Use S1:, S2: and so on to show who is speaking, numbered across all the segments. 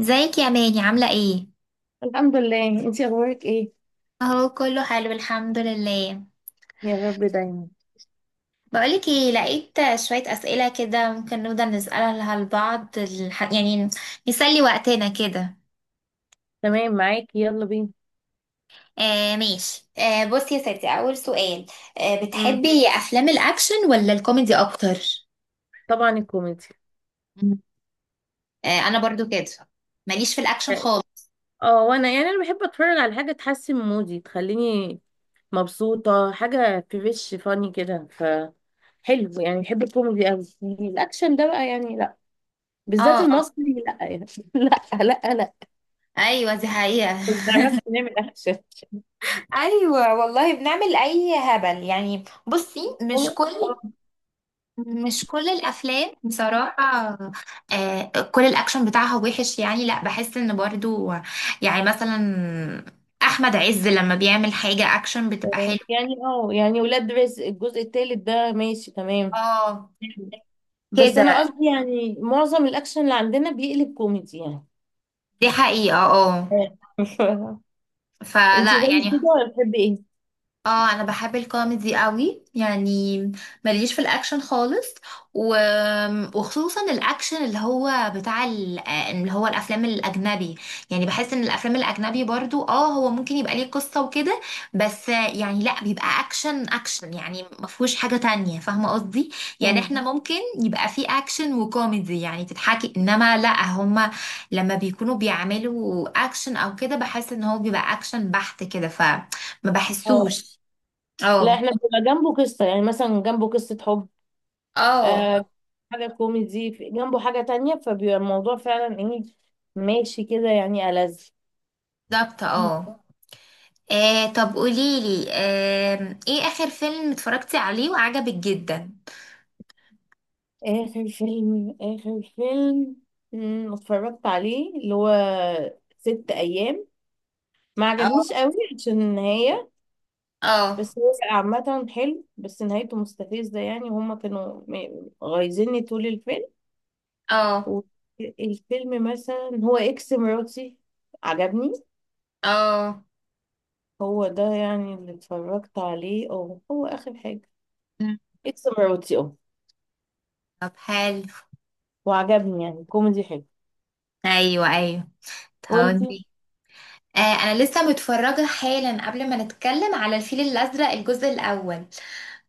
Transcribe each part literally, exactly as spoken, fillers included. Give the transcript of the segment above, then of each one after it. S1: ازيك يا ماني؟ عاملة ايه؟
S2: الحمد لله، انتي اخبارك ايه؟
S1: اهو كله حلو، الحمد لله.
S2: يا رب دايما.
S1: بقولك ايه، لقيت شوية اسئلة كده، ممكن نفضل نسألها لبعض الح... يعني نسلي وقتنا كده.
S2: تمام معاكي، يلا بينا.
S1: آه ماشي، آه بصي يا ستي، اول سؤال، آه
S2: امم
S1: بتحبي افلام الاكشن ولا الكوميدي اكتر؟
S2: طبعا الكوميدي.
S1: مم. آه انا برضو كده، ماليش في الاكشن
S2: يعني
S1: خالص.
S2: اه وانا يعني انا بحب اتفرج على حاجه تحسن مودي، تخليني مبسوطه، حاجه فريش فاني كده. فحلو يعني، بحب الكوميدي قوي، الاكشن ده بقى يعني لا،
S1: اه،
S2: بالذات
S1: اه،
S2: المصري لا يعني لا لا لا.
S1: ايوه دي حقيقة.
S2: ما بتعرفش نعمل اكشن.
S1: ايوه والله بنعمل اي هبل، يعني بصي، مش
S2: آه،
S1: كل مش كل الافلام بصراحه، آه كل الاكشن بتاعها وحش، يعني لا، بحس ان برضو يعني مثلا احمد عز لما بيعمل حاجه اكشن بتبقى
S2: آه،
S1: حلوه.
S2: يعني اه يعني ولاد رزق الجزء التالت ده ماشي تمام.
S1: اه
S2: بس انا
S1: كده،
S2: قصدي يعني معظم الاكشن اللي عندنا بيقلب كوميدي يعني.
S1: دي حقيقه اه،
S2: انت
S1: فلا
S2: زي
S1: يعني.
S2: كده ولا بتحبي ايه؟
S1: اه انا بحب الكوميدي قوي يعني، ماليش في الاكشن خالص، و... وخصوصا الاكشن اللي هو بتاع ال... اللي هو الافلام الاجنبي، يعني بحس ان الافلام الاجنبي برضو اه، هو ممكن يبقى ليه قصة وكده، بس يعني لا، بيبقى اكشن اكشن يعني، ما فيهوش حاجة تانية، فاهمة قصدي؟ يعني
S2: اه.
S1: احنا ممكن يبقى فيه اكشن وكوميدي يعني تضحكي، انما لا، هما لما بيكونوا بيعملوا اكشن او كده بحس ان هو بيبقى اكشن بحت كده، ف ما
S2: آه.
S1: بحسوش.
S2: لا،
S1: اه،
S2: احنا بيبقى جنبه قصة، يعني مثلا جنبه قصة حب.
S1: اه،
S2: آه، حاجة كوميدي في- جنبه حاجة تانية، فبيبقى الموضوع فعلا ايه، ماشي كده يعني، ألذ
S1: بالظبط اه. آه، طب قوليلي، آه، ايه اخر فيلم اتفرجتي عليه وعجبك جدا؟
S2: آخر فيلم، آخر فيلم، مم، اتفرجت عليه اللي هو ست أيام. ما
S1: اه،
S2: عجبنيش قوي عشان النهاية.
S1: اه،
S2: بس هو عامة حلو، بس نهايته مستفزة، يعني هما كانوا م- غايزيني طول الفيلم.
S1: اه،
S2: والفيلم مثلا هو اكس مراتي، عجبني.
S1: اه،
S2: هو ده يعني اللي اتفرجت عليه، اه هو اخر حاجة.
S1: مم.
S2: اكس مراتي، اه.
S1: طب حلو.
S2: وعجبني، يعني كوميدي حلو.
S1: ايوه ايوه، طب
S2: وانتي؟
S1: آه انا لسه متفرجه حالا قبل ما نتكلم على الفيل الازرق الجزء الاول.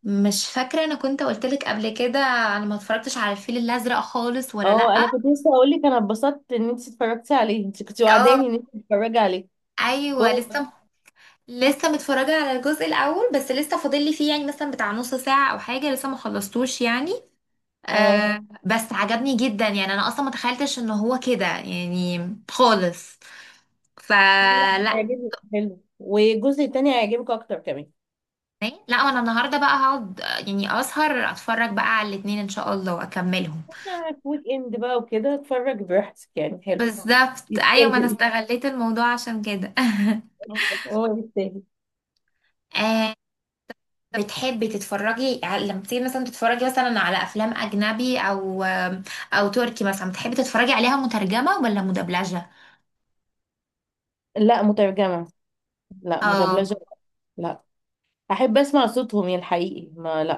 S1: مش فاكره انا كنت قلتلك قبل كده انا ما اتفرجتش على الفيل الازرق خالص ولا لا.
S2: اه، انا كنت لسه هقول لك، انا اتبسطت ان انت اتفرجتي عليه، انت كنت وعداني
S1: اه،
S2: ان انت تتفرجي عليه. كويس.
S1: ايوه لسه، لسه متفرجة على الجزء الأول، بس لسه فاضل لي فيه يعني مثلا بتاع نص ساعة أو حاجة، لسه ما خلصتوش يعني.
S2: اه
S1: آه بس عجبني جدا يعني، أنا أصلا ما تخيلتش إن هو كده يعني خالص،
S2: لا،
S1: فلا.
S2: هيعجبك، حلو، والجزء التاني هيعجبك اكتر كمان.
S1: لا أنا النهاردة بقى هقعد، آه، يعني أسهر أتفرج بقى على الاتنين إن شاء الله وأكملهم.
S2: أنا في ويك اند بقى وكده، اتفرج براحتك يعني، حلو.
S1: بالظبط أيوة، ما أنا
S2: يستاهل.
S1: استغليت الموضوع عشان كده.
S2: هو يستاهل.
S1: بتحبي تتفرجي على- لما بتيجي مثلا تتفرجي مثلا على افلام اجنبي او او تركي مثلا، بتحبي تتفرجي عليها مترجمة ولا مدبلجة؟
S2: لا، مترجمة. لا
S1: اه،
S2: مدبلجة. لا. أحب أسمع صوتهم يا الحقيقي ما لا.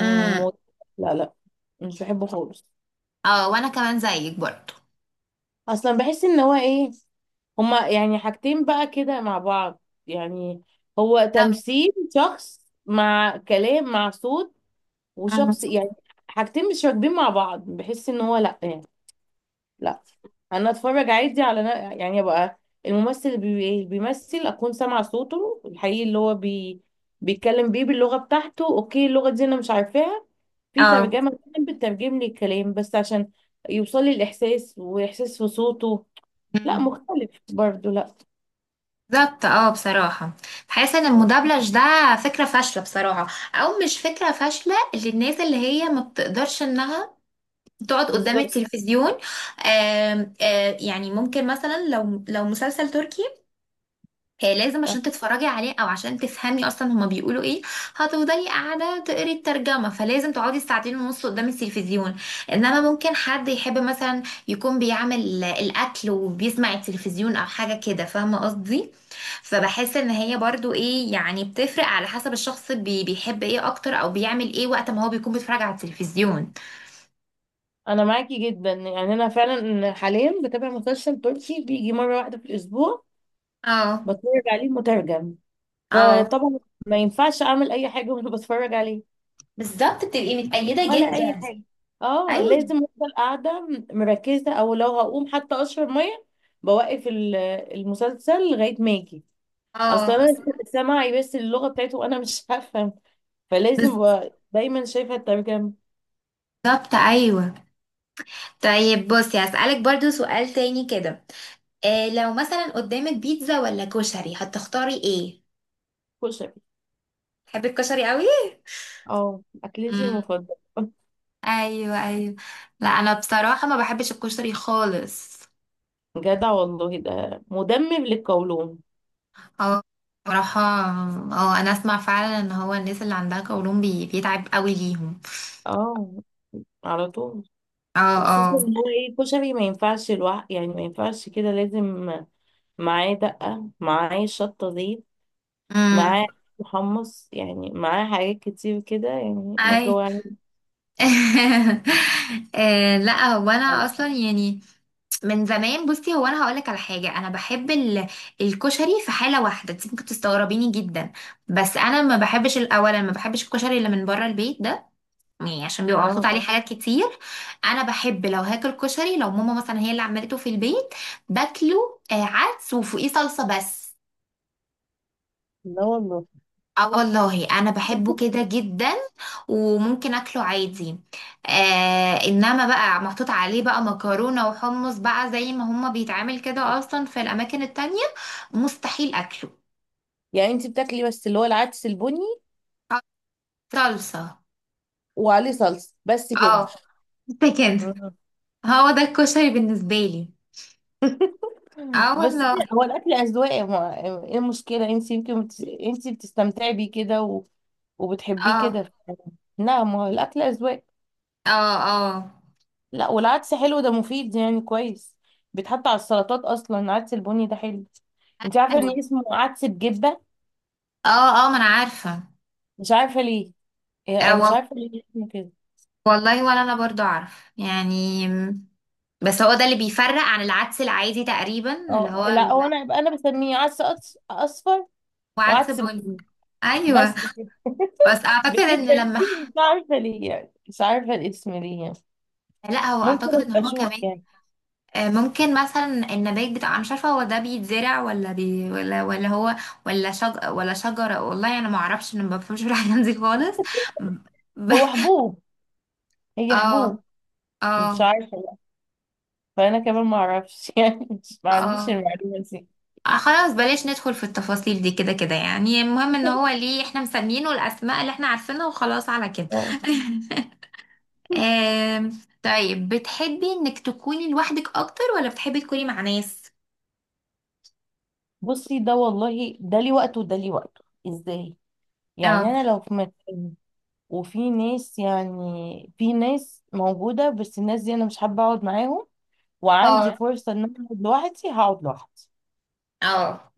S1: امم
S2: لا لا مش بحبه خالص.
S1: اه وانا كمان زيك برضو.
S2: أصلا بحس إن هو إيه، هما يعني حاجتين بقى كده مع بعض، يعني هو
S1: ده-
S2: تمثيل شخص مع كلام مع صوت.
S1: أمم.
S2: وشخص يعني حاجتين مش راكبين مع بعض، بحس إن هو لا يعني، لا. انا اتفرج عادي على نا- يعني ابقى الممثل اللي بي- إيه، بيمثل، اكون سامعه صوته الحقيقي اللي هو بي... بيتكلم بيه باللغه بتاعته. اوكي، اللغه دي انا مش عارفاها، في
S1: اه،
S2: ترجمه بتكون بتترجم لي الكلام، بس عشان يوصل لي الاحساس واحساس في صوته. لا
S1: أمم.
S2: مختلف برضو، لا.
S1: بالظبط اه، بصراحة بحس ان المدبلج ده فكرة فاشلة بصراحة، او مش فكرة فاشلة للناس اللي هي ما بتقدرش انها تقعد قدام
S2: بالظبط.
S1: التلفزيون. آم، آه، يعني ممكن مثلا لو لو مسلسل تركي، هي لازم عشان تتفرجي عليه او عشان تفهمي اصلا هما بيقولوا ايه، هتفضلي قاعده تقري الترجمه، فلازم تقعدي ساعتين ونص قدام التلفزيون، انما ممكن حد يحب مثلا يكون بيعمل الاكل وبيسمع التلفزيون او حاجه كده، فاهمه قصدي؟ فبحس ان هي برضو ايه يعني، بتفرق على حسب الشخص بي بيحب ايه اكتر او بيعمل ايه وقت ما هو بيكون بيتفرج على التلفزيون.
S2: انا معاكي جدا، يعني انا فعلا حاليا بتابع مسلسل تركي بيجي مره واحده في الاسبوع،
S1: اه،
S2: بتفرج عليه مترجم.
S1: اه،
S2: فطبعا ما ينفعش اعمل اي حاجه وانا بتفرج عليه،
S1: بالظبط بتبقي متقيده
S2: ولا اي
S1: جدا.
S2: حاجه. اه،
S1: ايوه،
S2: لازم افضل قاعده مركزه، او لو هقوم حتى اشرب ميه، بوقف ال- المسلسل لغايه ما اجي. اصلا
S1: اه،
S2: انا سامعي بس اللغه بتاعته وانا مش هفهم، فلازم ب- دايما شايفه الترجمه.
S1: بالظبط ايوه. طيب بصي هسألك برضو سؤال تاني كده، إيه لو مثلا قدامك بيتزا ولا كشري، هتختاري ايه؟
S2: كشري.
S1: تحبي الكشري قوي؟
S2: اه، اكلتي
S1: امم
S2: المفضله.
S1: ايوه ايوه، لا انا بصراحه ما بحبش الكشري خالص.
S2: جدع والله، ده مدمم للقولون.
S1: اه، بصراحه اه انا اسمع فعلا ان هو الناس اللي عندها قولون بي... بيتعب قوي ليهم.
S2: اه، على طول.
S1: اه،
S2: وخصوصا
S1: اه،
S2: ان هو ايه، كشري ما ينفعش الوح، يعني ما ينفعش كده، لازم معاه دقه، معاه شطه، زيت، معاه محمص، يعني معاه حاجات كتير كده، يعني ما
S1: امم
S2: جوعنيش.
S1: آه، لا هو انا اصلا يعني من زمان، بصي هو انا هقولك على حاجه، انا بحب ال- الكشري في حاله واحده، انت ممكن تستغربيني جدا، بس انا ما بحبش، الاولا ما بحبش الكشري اللي من بره البيت ده، يعني عشان بيبقى محطوط
S2: اه،
S1: عليه حاجات كتير. انا بحب لو هاكل كشري لو ماما مثلا هي اللي عملته في البيت باكله. آه، عدس وفوقيه صلصه بس.
S2: لا والله.
S1: اه والله انا بحبه كده جدا، وممكن اكله عادي. آه انما بقى محطوط عليه بقى مكرونه وحمص بقى زي ما هما بيتعمل كده اصلا في الاماكن التانية، مستحيل اكله.
S2: يعني انت بتاكلي بس اللي هو العدس البني
S1: آه، صلصه
S2: وعليه صلصة بس كده؟
S1: اه، ده كده
S2: آه.
S1: هو ده الكشري بالنسبه لي، اه
S2: بس
S1: والله.
S2: هو الاكل اذواق يا ما- ايه المشكلة، انت يمكن بت... انت بتستمتعي بيه كده و... وبتحبيه
S1: اه،
S2: كده. لا، ما هو الاكل اذواق.
S1: اه، اه
S2: لا، والعدس حلو، ده مفيد يعني كويس، بيتحط على السلطات اصلا، العدس البني ده حلو. انت عارفة
S1: أيوة.
S2: ان اسمه عدس بجبة؟
S1: اه، اه ما انا عارفه.
S2: مش عارفة ليه، يعني
S1: آه
S2: انا مش
S1: وال-
S2: عارفه ليه اسمه كده.
S1: والله ولا انا برضو اعرف يعني، بس هو ده اللي بيفرق عن العدس العادي تقريبا، اللي
S2: اه،
S1: هو
S2: لا هو انا انا بسميه عدس أص- اصفر،
S1: وعدس
S2: وعدس
S1: بني.
S2: بني.
S1: ايوه،
S2: بس
S1: بس اعتقد ان
S2: بكده
S1: لما
S2: دي،
S1: ح-
S2: مش عارفه ليه، يعني مش عارفه الاسم ليه يعني.
S1: لا هو
S2: ممكن
S1: اعتقد ان
S2: ابقى
S1: هو
S2: اشوف
S1: كمان،
S2: يعني.
S1: آه، ممكن مثلا النبات بتاع، انا مش عارفه هو ده بيتزرع ولا بي ولا ولا هو ولا شج ولا شجره، والله انا ما اعرفش، انا ما بفهمش في الحاجات دي خالص ب...
S2: هو حبوب، هي
S1: اه،
S2: حبوب، مش
S1: اه،
S2: عارفه بقى. فانا كمان ما اعرفش يعني مش، ما عنديش
S1: اه،
S2: المعلومه دي.
S1: آه، خلاص بلاش ندخل في التفاصيل دي، كده كده يعني المهم ان هو ليه احنا مسمينه الاسماء اللي احنا عارفينها وخلاص على كده.
S2: اه،
S1: آم، طيب بتحبي انك تكوني لوحدك اكتر ولا بتحبي تكوني مع ناس؟
S2: بصي، ده والله ده ليه وقته وده ليه وقته. ازاي؟ يعني
S1: اه،
S2: انا لو في مكان وفي ناس، يعني في ناس موجوده بس الناس دي انا مش حابه اقعد معاهم، وعندي
S1: اه،
S2: فرصة ان انا اقعد لوحدي، هقعد لوحدي.
S1: اه،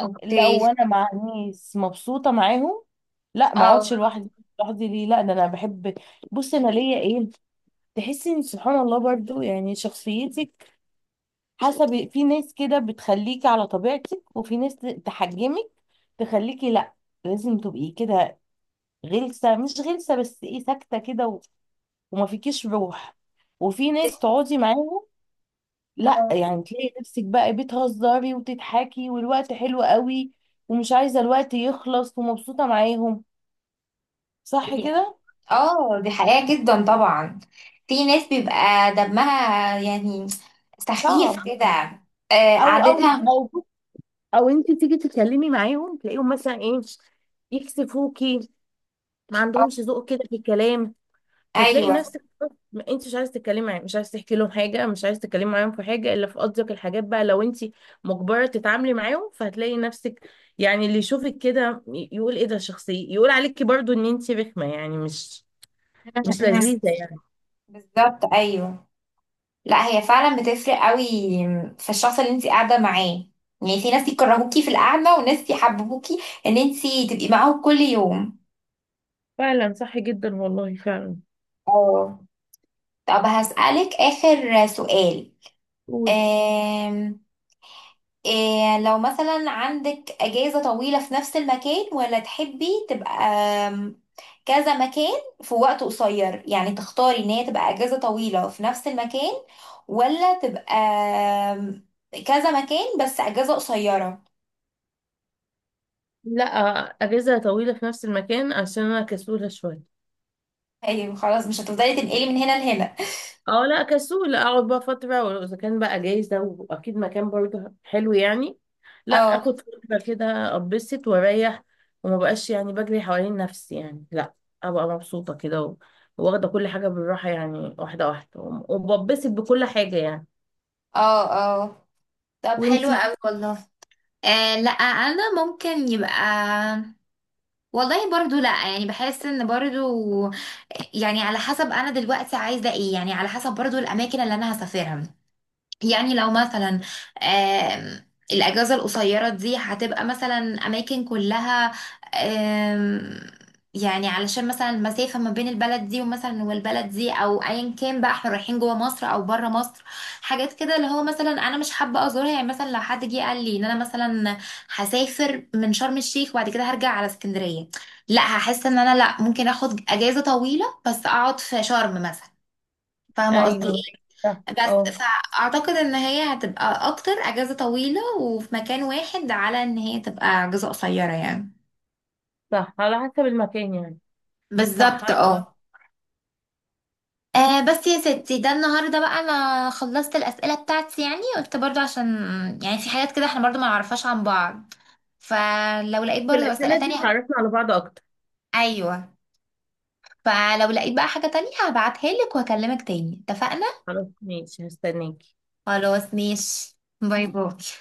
S1: اوكي،
S2: لو انا مع ناس مبسوطة معاهم، لا ما
S1: اه
S2: اقعدش لوحدي. لوحدي ليه، لا ده انا بحب. بص انا ليا ايه، تحسي ان سبحان الله برضو يعني شخصيتك حسب، في ناس كده بتخليكي على طبيعتك، وفي ناس تحجمك، تخليكي لا لازم تبقي كده غلسة، مش غلسة بس ايه، ساكتة كده و- وما فيكيش روح. وفي
S1: دي
S2: ناس تقعدي معاهم لا،
S1: اه
S2: يعني تلاقي نفسك بقى بتهزري وتضحكي والوقت حلو قوي، ومش عايزة الوقت يخلص، ومبسوطة معاهم، صح
S1: حقيقة.
S2: كده.
S1: اه دي حقيقة جدا طبعا، في ناس بيبقى دمها يعني سخيف
S2: صعب.
S1: كده، آه،
S2: او او
S1: قعدتها.
S2: او او انت تيجي تتكلمي معاهم، تلاقيهم مثلا ايه، يكسفوكي، ما عندهمش ذوق كده في الكلام. فتلاقي
S1: ايوه،
S2: نفسك، ما انت مش عايزه تتكلمي معاهم، مش عايزه تحكي لهم حاجه، مش عايزه تتكلمي معاهم في حاجه الا في قصدك الحاجات بقى، لو انت مجبره تتعاملي معاهم فهتلاقي نفسك، يعني اللي يشوفك كده ي- يقول ايه ده شخصيه، يقول عليكي برضو ان انت رخمه، يعني مش مش
S1: م- م.
S2: لذيذه يعني.
S1: بالظبط ايوه، لا هي فعلا بتفرق قوي، في الشخص اللي انت قاعده معاه، يعني في ناس يكرهوكي في القعده وناس يحببوكي ان انت تبقي معاهم كل يوم.
S2: فعلا صح جدا، والله فعلا.
S1: اه، طب هسألك آخر سؤال.
S2: قولي.
S1: آم... إيه لو مثلا عندك أجازة طويلة في نفس المكان ولا تحبي تبقى، آم، كذا مكان في وقت قصير، يعني تختاري ان هي تبقى أجازة طويلة في نفس المكان ولا تبقى، آم، كذا مكان بس أجازة قصيرة.
S2: لا، اجازه طويله في نفس المكان عشان انا كسوله شويه.
S1: ايوه خلاص، مش هتفضلي تنقلي من هنا لهنا.
S2: اه، لا كسول، اقعد بقى فترة، واذا كان بقى جايزة واكيد مكان برضه حلو يعني، لا
S1: اه،
S2: اخد فترة كده، اتبسط واريح، وما بقاش يعني بجري حوالين نفسي يعني، لا ابقى مبسوطة كده و- واخدة كل حاجة بالراحة، يعني واحدة واحدة، وم- وببسط بكل حاجة يعني.
S1: اه، اه، طب حلو
S2: وانتي؟
S1: قوي والله. آه لا انا ممكن يبقى، والله برضو لا يعني، بحس ان برضو، يعني على حسب انا دلوقتي عايزه ايه، يعني على حسب برضو الاماكن اللي انا هسافرها. يعني لو مثلا، آم، الأجازة القصيرة دي هتبقى مثلا أماكن كلها، آم، يعني علشان مثلا المسافة ما بين البلد دي ومثلا والبلد دي، أو أيا كان بقى احنا رايحين جوه مصر أو بره مصر، حاجات كده اللي هو مثلا أنا مش حابة أزورها. يعني مثلا لو حد جه قال لي إن أنا مثلا هسافر من شرم الشيخ وبعد كده هرجع على اسكندرية، لا هحس إن أنا لا، ممكن أخد أجازة طويلة بس أقعد في شرم مثلا، فاهمة قصدي؟
S2: ايوه، صح،
S1: بس
S2: اه.
S1: فاعتقد ان هي هتبقى اكتر اجازة طويلة وفي مكان واحد، على ان هي تبقى اجازة قصيرة يعني.
S2: صح على حسب المكان يعني. صح.
S1: بالظبط اه. آه بس يا ستي، ده النهارده بقى انا خلصت الاسئله بتاعتي، يعني قلت برضو عشان يعني في حاجات كده احنا برضو ما نعرفهاش عن بعض، فلو لقيت
S2: في
S1: برضو اسئله
S2: الأسئلة دي
S1: تانية.
S2: بتعرفنا على بعض اكتر.
S1: ايوه، فلو لقيت بقى حاجه تانية هبعتها لك وهكلمك تاني، اتفقنا؟
S2: خلاص ماشي، هستناكي.
S1: خلاص ماشي، باي باي.